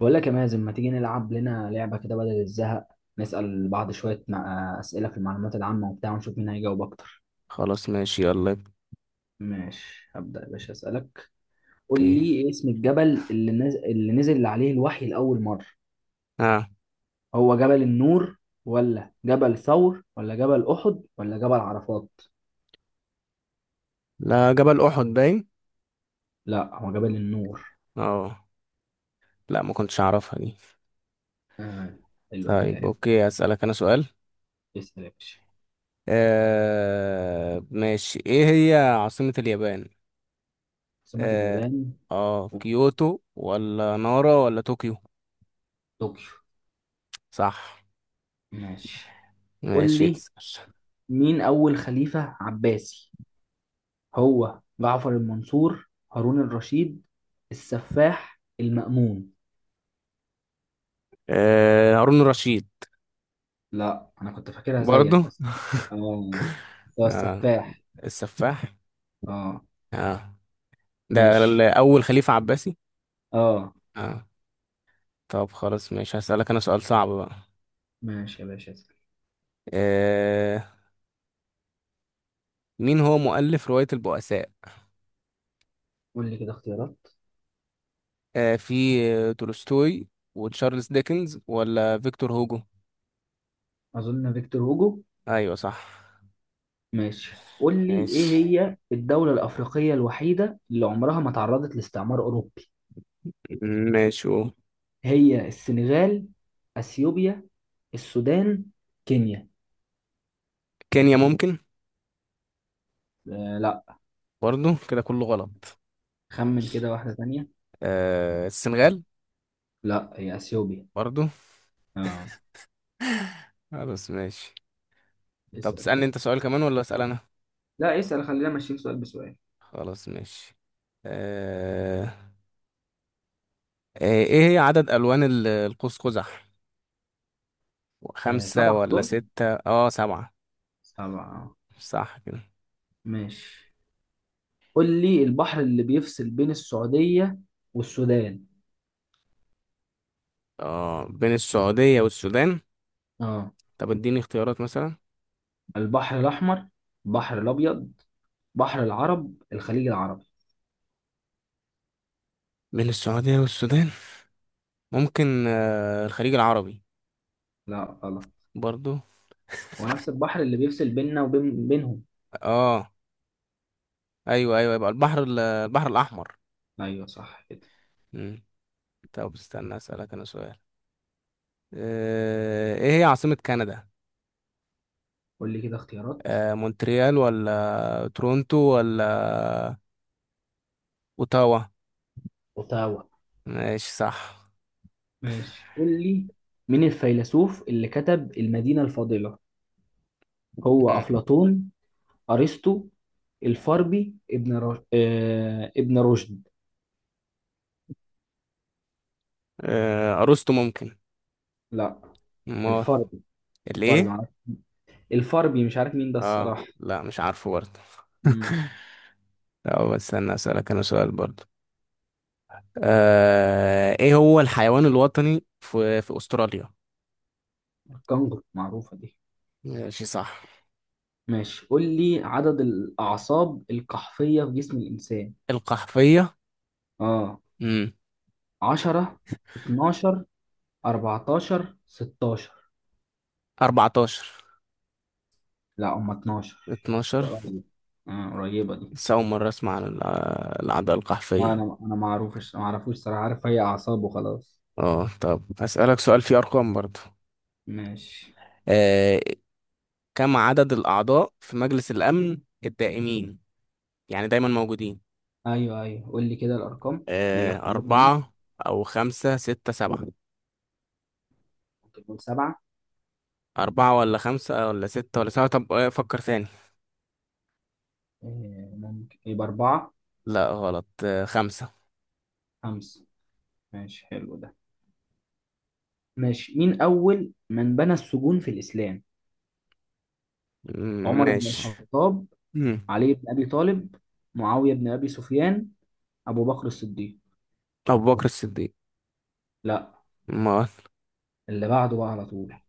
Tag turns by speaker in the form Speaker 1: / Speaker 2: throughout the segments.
Speaker 1: بقول لك يا مازن، ما تيجي نلعب لنا لعبة كده بدل الزهق؟ نسأل بعض شوية أسئلة في المعلومات العامة وبتاع، ونشوف مين هيجاوب أكتر.
Speaker 2: خلاص، ماشي، يلا.
Speaker 1: ماشي، هبدأ يا باشا أسألك. قول
Speaker 2: اوكي.
Speaker 1: لي، إيه اسم الجبل اللي نزل عليه الوحي لأول مرة؟
Speaker 2: اه.
Speaker 1: هو جبل النور، ولا جبل ثور، ولا جبل أحد، ولا جبل عرفات؟
Speaker 2: لا، جبل احد باين.
Speaker 1: لا، هو جبل النور.
Speaker 2: اه. لا، ما كنتش اعرفها دي.
Speaker 1: آه حلو، أديك
Speaker 2: طيب،
Speaker 1: عرفت.
Speaker 2: اوكي، هسألك انا سؤال.
Speaker 1: اسأل يا باشا.
Speaker 2: ماشي، ايه هي عاصمة اليابان؟
Speaker 1: عاصمة
Speaker 2: اه.
Speaker 1: اليابان؟
Speaker 2: اه كيوتو ولا نارا ولا طوكيو؟
Speaker 1: طوكيو.
Speaker 2: صح.
Speaker 1: ماشي، قول
Speaker 2: ماشي،
Speaker 1: لي،
Speaker 2: اسأل.
Speaker 1: مين أول خليفة عباسي؟ هو جعفر المنصور، هارون الرشيد، السفاح، المأمون؟
Speaker 2: هارون رشيد.
Speaker 1: لا، انا كنت فاكرها زيك
Speaker 2: برضو.
Speaker 1: بس. اه، بس هو
Speaker 2: آه
Speaker 1: السفاح.
Speaker 2: السفاح.
Speaker 1: اه
Speaker 2: اه. ده
Speaker 1: ماشي.
Speaker 2: اول خليفة عباسي.
Speaker 1: اه،
Speaker 2: اه. طب خلاص، ماشي، هسألك انا سؤال صعب بقى.
Speaker 1: ماشي يا باشا اسأل.
Speaker 2: آه. مين هو مؤلف رواية البؤساء؟
Speaker 1: قول لي كده اختيارات.
Speaker 2: آه في آه، تولستوي، وتشارلز ديكنز، ولا فيكتور هوجو؟
Speaker 1: اظن فيكتور هوجو.
Speaker 2: أيوة، صح.
Speaker 1: ماشي، قول لي، ايه
Speaker 2: ماشي.
Speaker 1: هي الدولة الأفريقية الوحيدة اللي عمرها ما تعرضت لاستعمار أوروبي؟
Speaker 2: ماشي، أوه.
Speaker 1: هي السنغال، أثيوبيا، السودان، كينيا؟
Speaker 2: كينيا ممكن.
Speaker 1: آه لا.
Speaker 2: برضو. كده كله غلط.
Speaker 1: خمن كده واحدة تانية.
Speaker 2: السنغال.
Speaker 1: لا، هي أثيوبيا.
Speaker 2: برضو.
Speaker 1: اه،
Speaker 2: خلاص ماشي. طب
Speaker 1: اسأل
Speaker 2: تسألني
Speaker 1: كده.
Speaker 2: أنت سؤال كمان ولا أسأل أنا؟
Speaker 1: لا، اسأل، خلينا ماشيين سؤال بسؤال.
Speaker 2: خلاص ماشي. آه. إيه هي عدد ألوان القوس قزح؟ خمسة
Speaker 1: سبعة
Speaker 2: ولا
Speaker 1: أظن،
Speaker 2: ستة؟ سبعة.
Speaker 1: سبعة.
Speaker 2: صح كده.
Speaker 1: ماشي، قول لي البحر اللي بيفصل بين السعودية والسودان.
Speaker 2: اه، بين السعودية والسودان.
Speaker 1: اه،
Speaker 2: طب اديني اختيارات مثلا.
Speaker 1: البحر الأحمر، البحر الأبيض، بحر العرب، الخليج العربي.
Speaker 2: بين السعودية والسودان. ممكن الخليج العربي.
Speaker 1: لا غلط،
Speaker 2: برضو.
Speaker 1: هو نفس البحر اللي بيفصل بيننا بينهم.
Speaker 2: اه، ايوه ايوه، يبقى البحر الاحمر.
Speaker 1: أيوه صح كده.
Speaker 2: مم. طب استنى اسألك انا سؤال. ايه هي عاصمة كندا؟
Speaker 1: قول لي كده اختيارات.
Speaker 2: مونتريال ولا تورونتو ولا اوتاوا؟
Speaker 1: اوتاوا.
Speaker 2: ماشي، صح.
Speaker 1: ماشي، قول لي، مين الفيلسوف اللي كتب المدينة الفاضلة؟ هو
Speaker 2: مم.
Speaker 1: أفلاطون، ارسطو، الفاربي، ابن رشد؟
Speaker 2: ارسطو ممكن.
Speaker 1: لا.
Speaker 2: امال؟
Speaker 1: الفاربي. الفاربي
Speaker 2: الايه؟
Speaker 1: معرفة. الفاربي مش عارف مين ده
Speaker 2: اه،
Speaker 1: الصراحة.
Speaker 2: لا، مش عارفه برضه.
Speaker 1: امم
Speaker 2: طب استنى اسألك انا سؤال برضه. ايه هو الحيوان الوطني في استراليا؟
Speaker 1: الكنغر، معروفة دي.
Speaker 2: ماشي، صح.
Speaker 1: ماشي، قول لي عدد الأعصاب القحفية في جسم الإنسان.
Speaker 2: القحفية؟
Speaker 1: اه،
Speaker 2: امم
Speaker 1: 10، 12، 14، 16؟
Speaker 2: 14،
Speaker 1: لا، هم 12.
Speaker 2: 12.
Speaker 1: قريبة، اه قريبة دي.
Speaker 2: بس أول مرة أسمع عن العدوى
Speaker 1: لا،
Speaker 2: القحفية.
Speaker 1: انا ما اعرفوش صراحة، عارف هي أعصاب وخلاص.
Speaker 2: اه. طب هسألك سؤال فيه أرقام برضه.
Speaker 1: ماشي،
Speaker 2: آه، كم عدد الأعضاء في مجلس الأمن الدائمين؟ يعني دايما موجودين.
Speaker 1: ايوه ايوه، قول لي كده الأرقام، الاختيارات يعني.
Speaker 2: أربعة، أو خمسة، ستة، سبعة.
Speaker 1: ممكن نقول سبعة.
Speaker 2: أربعة ولا خمسة ولا ستة ولا سبعة؟ طب فكر ثاني.
Speaker 1: ممكن يبقى أربعة.
Speaker 2: لا غلط، خمسة.
Speaker 1: خمسة، ماشي، حلو ده. ماشي، مين أول من بنى السجون في الإسلام؟
Speaker 2: مم،
Speaker 1: عمر بن
Speaker 2: ماشي.
Speaker 1: الخطاب،
Speaker 2: مم.
Speaker 1: علي بن أبي طالب، معاوية بن أبي سفيان، أبو بكر الصديق؟
Speaker 2: أبو بكر الصديق.
Speaker 1: لا،
Speaker 2: ما.
Speaker 1: اللي بعده بقى على طول.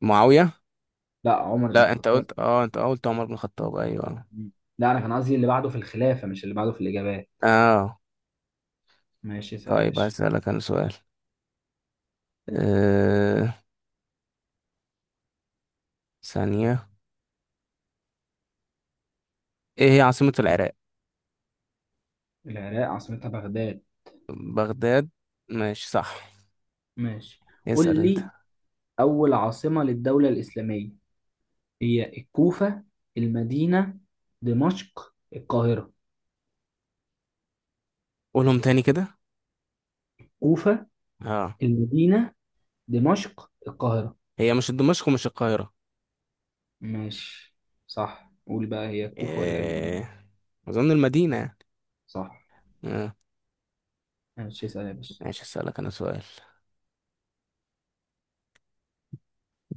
Speaker 2: معاوية.
Speaker 1: لا، عمر بن
Speaker 2: لا، أنت
Speaker 1: الخطاب.
Speaker 2: قلت، عمر بن الخطاب، أيوه.
Speaker 1: مم. لا، أنا كان قصدي اللي بعده في الخلافة، مش اللي بعده في الإجابات.
Speaker 2: أه.
Speaker 1: ماشي، اسأل يا
Speaker 2: طيب
Speaker 1: باشا.
Speaker 2: هسألك أنا سؤال. أه... ثانية. إيه هي عاصمة العراق؟
Speaker 1: العراق عاصمتها بغداد.
Speaker 2: بغداد. ماشي، صح.
Speaker 1: ماشي،
Speaker 2: اسأل
Speaker 1: قول
Speaker 2: أنت.
Speaker 1: لي أول عاصمة للدولة الإسلامية؟ هي الكوفة، المدينة، دمشق، القاهرة.
Speaker 2: قولهم تاني كده.
Speaker 1: كوفة،
Speaker 2: أه.
Speaker 1: المدينة، دمشق، القاهرة.
Speaker 2: هي مش دمشق ومش القاهرة.
Speaker 1: ماشي صح، قول بقى، هي كوفة ولا المدينة؟
Speaker 2: إيه... أظن المدينة يعني.
Speaker 1: صح.
Speaker 2: أه.
Speaker 1: ماشي، اسأل يا باشا.
Speaker 2: ماشي، هسألك أنا سؤال.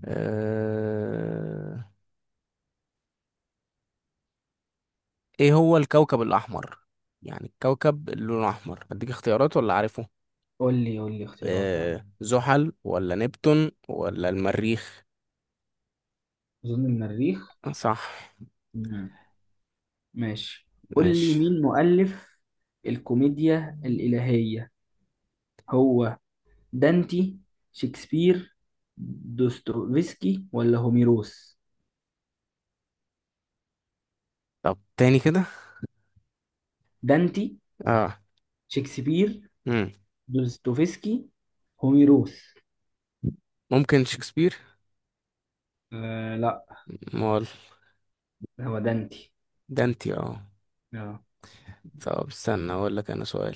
Speaker 2: أه... إيه هو الكوكب الأحمر؟ يعني الكوكب اللي لونه أحمر. أديك اختيارات ولا عارفه؟
Speaker 1: قول لي اختيارات اه.
Speaker 2: زحل ولا نبتون ولا المريخ؟
Speaker 1: أظن المريخ.
Speaker 2: آه، صح.
Speaker 1: مم. ماشي، قول لي
Speaker 2: ماشي.
Speaker 1: مين مؤلف الكوميديا الإلهية؟ هو دانتي، شكسبير، دوستويفسكي، ولا هوميروس؟
Speaker 2: طب، تاني كده.
Speaker 1: دانتي،
Speaker 2: اه.
Speaker 1: شكسبير،
Speaker 2: مم.
Speaker 1: دوستويفسكي، هوميروس.
Speaker 2: ممكن شكسبير.
Speaker 1: آه لا،
Speaker 2: مال؟
Speaker 1: هو دانتي.
Speaker 2: ده انتي، اه.
Speaker 1: اه،
Speaker 2: طب استنى، اقول لك انا سؤال.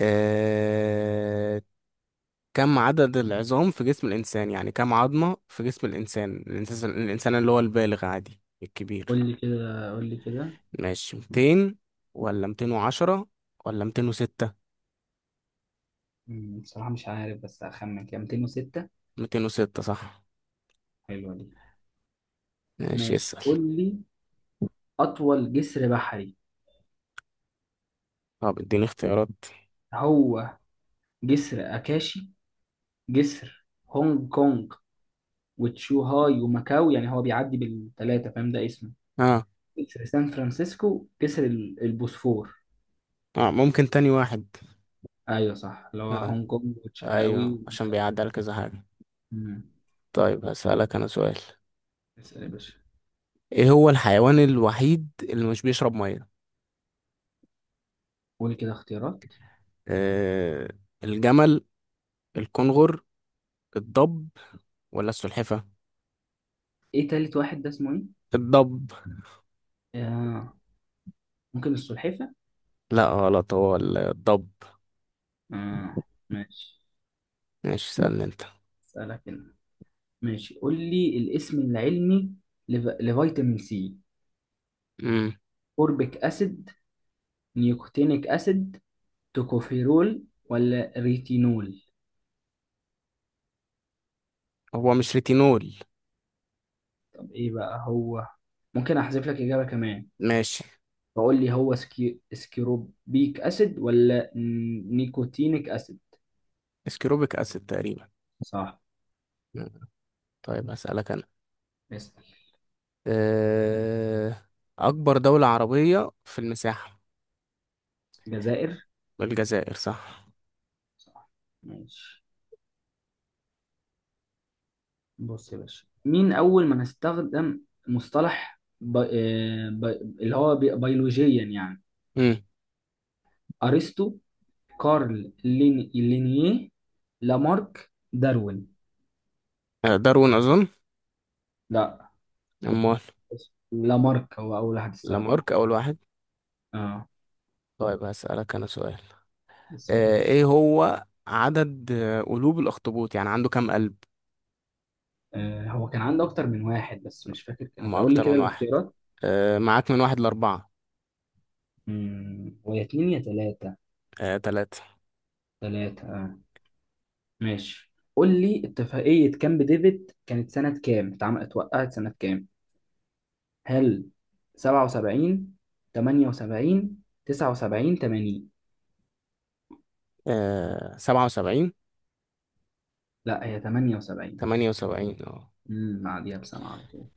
Speaker 2: آه... كم عدد العظام في جسم الانسان؟ يعني كم عظمة في جسم الانسان اللي هو البالغ عادي
Speaker 1: قول
Speaker 2: الكبير.
Speaker 1: لي كده قول لي كده
Speaker 2: ماشي، 200 ولا 210 ولا 206؟
Speaker 1: مم، بصراحة مش عارف، بس هخمن كده 206.
Speaker 2: 206 صح.
Speaker 1: حلوة دي.
Speaker 2: ماشي،
Speaker 1: ماشي،
Speaker 2: اسأل.
Speaker 1: قول لي أطول جسر بحري.
Speaker 2: طب اديني اختيارات.
Speaker 1: هو جسر أكاشي، جسر هونج كونج وتشوهاي وماكاو، يعني هو بيعدي بالثلاثة فاهم ده اسمه،
Speaker 2: اه.
Speaker 1: جسر سان فرانسيسكو، جسر البوسفور.
Speaker 2: اه، ممكن تاني واحد.
Speaker 1: أيوة صح، اللي هو
Speaker 2: اه،
Speaker 1: هونج كونج وتشهاوي
Speaker 2: ايوه،
Speaker 1: و...
Speaker 2: عشان بيعدي على كذا حاجة.
Speaker 1: مم.
Speaker 2: طيب، هسألك انا سؤال.
Speaker 1: اسأل يا باشا.
Speaker 2: ايه هو الحيوان الوحيد اللي مش بيشرب مية؟
Speaker 1: قول كده اختيارات.
Speaker 2: آه الجمل، الكنغر، الضب، ولا السلحفة؟
Speaker 1: ايه تالت واحد ده اسمه ايه؟
Speaker 2: الضب.
Speaker 1: آه ممكن السلحفة؟
Speaker 2: لا غلط، هو الضب.
Speaker 1: آه ماشي.
Speaker 2: ماشي، سألني انت.
Speaker 1: اسألك هنا. ماشي، قول لي الاسم العلمي لفيتامين سي.
Speaker 2: امم
Speaker 1: أوربيك أسيد، نيكوتينيك أسيد، توكوفيرول، ولا ريتينول؟
Speaker 2: هو مش ريتينول.
Speaker 1: طب ايه بقى هو؟ ممكن احذف لك إجابة كمان،
Speaker 2: ماشي.
Speaker 1: فقول لي، هو سكيروبيك أسيد ولا نيكوتينيك أسيد؟
Speaker 2: اسكروبيك اسيد تقريبا.
Speaker 1: صح.
Speaker 2: مم. طيب، هسألك انا.
Speaker 1: اسأل.
Speaker 2: آه. اكبر دولة عربية في المساحة؟
Speaker 1: جزائر.
Speaker 2: الجزائر، صح.
Speaker 1: صح، ماشي. بص يا باشا، مين أول من استخدم مصطلح اللي هو بيولوجيا يعني؟
Speaker 2: مم.
Speaker 1: أرسطو، كارل لينيه، لامارك، داروين؟
Speaker 2: داروين أظن.
Speaker 1: لا.
Speaker 2: أمال؟
Speaker 1: لامارك هو أول واحد استخدمه.
Speaker 2: لامارك أول واحد.
Speaker 1: اه
Speaker 2: طيب هسألك أنا سؤال.
Speaker 1: بس.
Speaker 2: إيه هو عدد قلوب الأخطبوط؟ يعني عنده كام قلب؟
Speaker 1: آه، هو كان عنده أكتر من واحد بس مش فاكر كانوا،
Speaker 2: ما
Speaker 1: قول لي
Speaker 2: أكتر
Speaker 1: كده
Speaker 2: من واحد.
Speaker 1: الاختيارات.
Speaker 2: معاك من واحد لأربعة.
Speaker 1: امم، هو يا اتنين يا تلاتة.
Speaker 2: تلاتة.
Speaker 1: تلاتة اه. ماشي، قول لي، اتفاقية كامب ديفيد كانت سنة كام؟ اتعملت اتوقعت سنة كام؟ هل سبعة وسبعين، تمانية وسبعين، تسعة وسبعين، تمانين؟
Speaker 2: 77.
Speaker 1: لا، هي تمانية وسبعين.
Speaker 2: 78، اه.
Speaker 1: امم، بعديها بسنة على طول.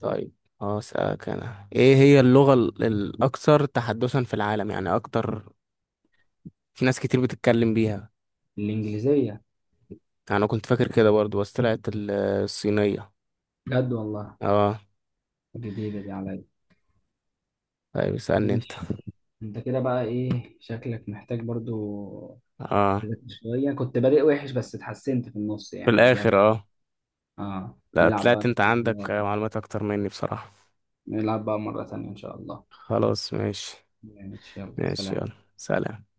Speaker 2: طيب. اه، أسألك أنا، إيه هي اللغة الأكثر تحدثا في العالم؟ يعني أكتر. في ناس كتير بتتكلم بيها.
Speaker 1: الإنجليزية.
Speaker 2: يعني أنا كنت فاكر كده برضو، بس طلعت الصينية.
Speaker 1: بجد والله؟
Speaker 2: اه.
Speaker 1: جديدة دي عليا.
Speaker 2: طيب، اسألني أنت.
Speaker 1: ماشي، انت كده بقى ايه شكلك محتاج برضو
Speaker 2: اه.
Speaker 1: تذاكر شوية، كنت بادئ وحش بس اتحسنت في النص
Speaker 2: في
Speaker 1: يعني،
Speaker 2: الآخر،
Speaker 1: رجعت.
Speaker 2: اه.
Speaker 1: اه،
Speaker 2: لا، طلعت انت عندك معلومات اكتر مني بصراحة.
Speaker 1: نلعب بقى مرة تانية إن شاء الله.
Speaker 2: خلاص ماشي.
Speaker 1: ماشي، يلا
Speaker 2: ماشي، يلا،
Speaker 1: سلام.
Speaker 2: سلام.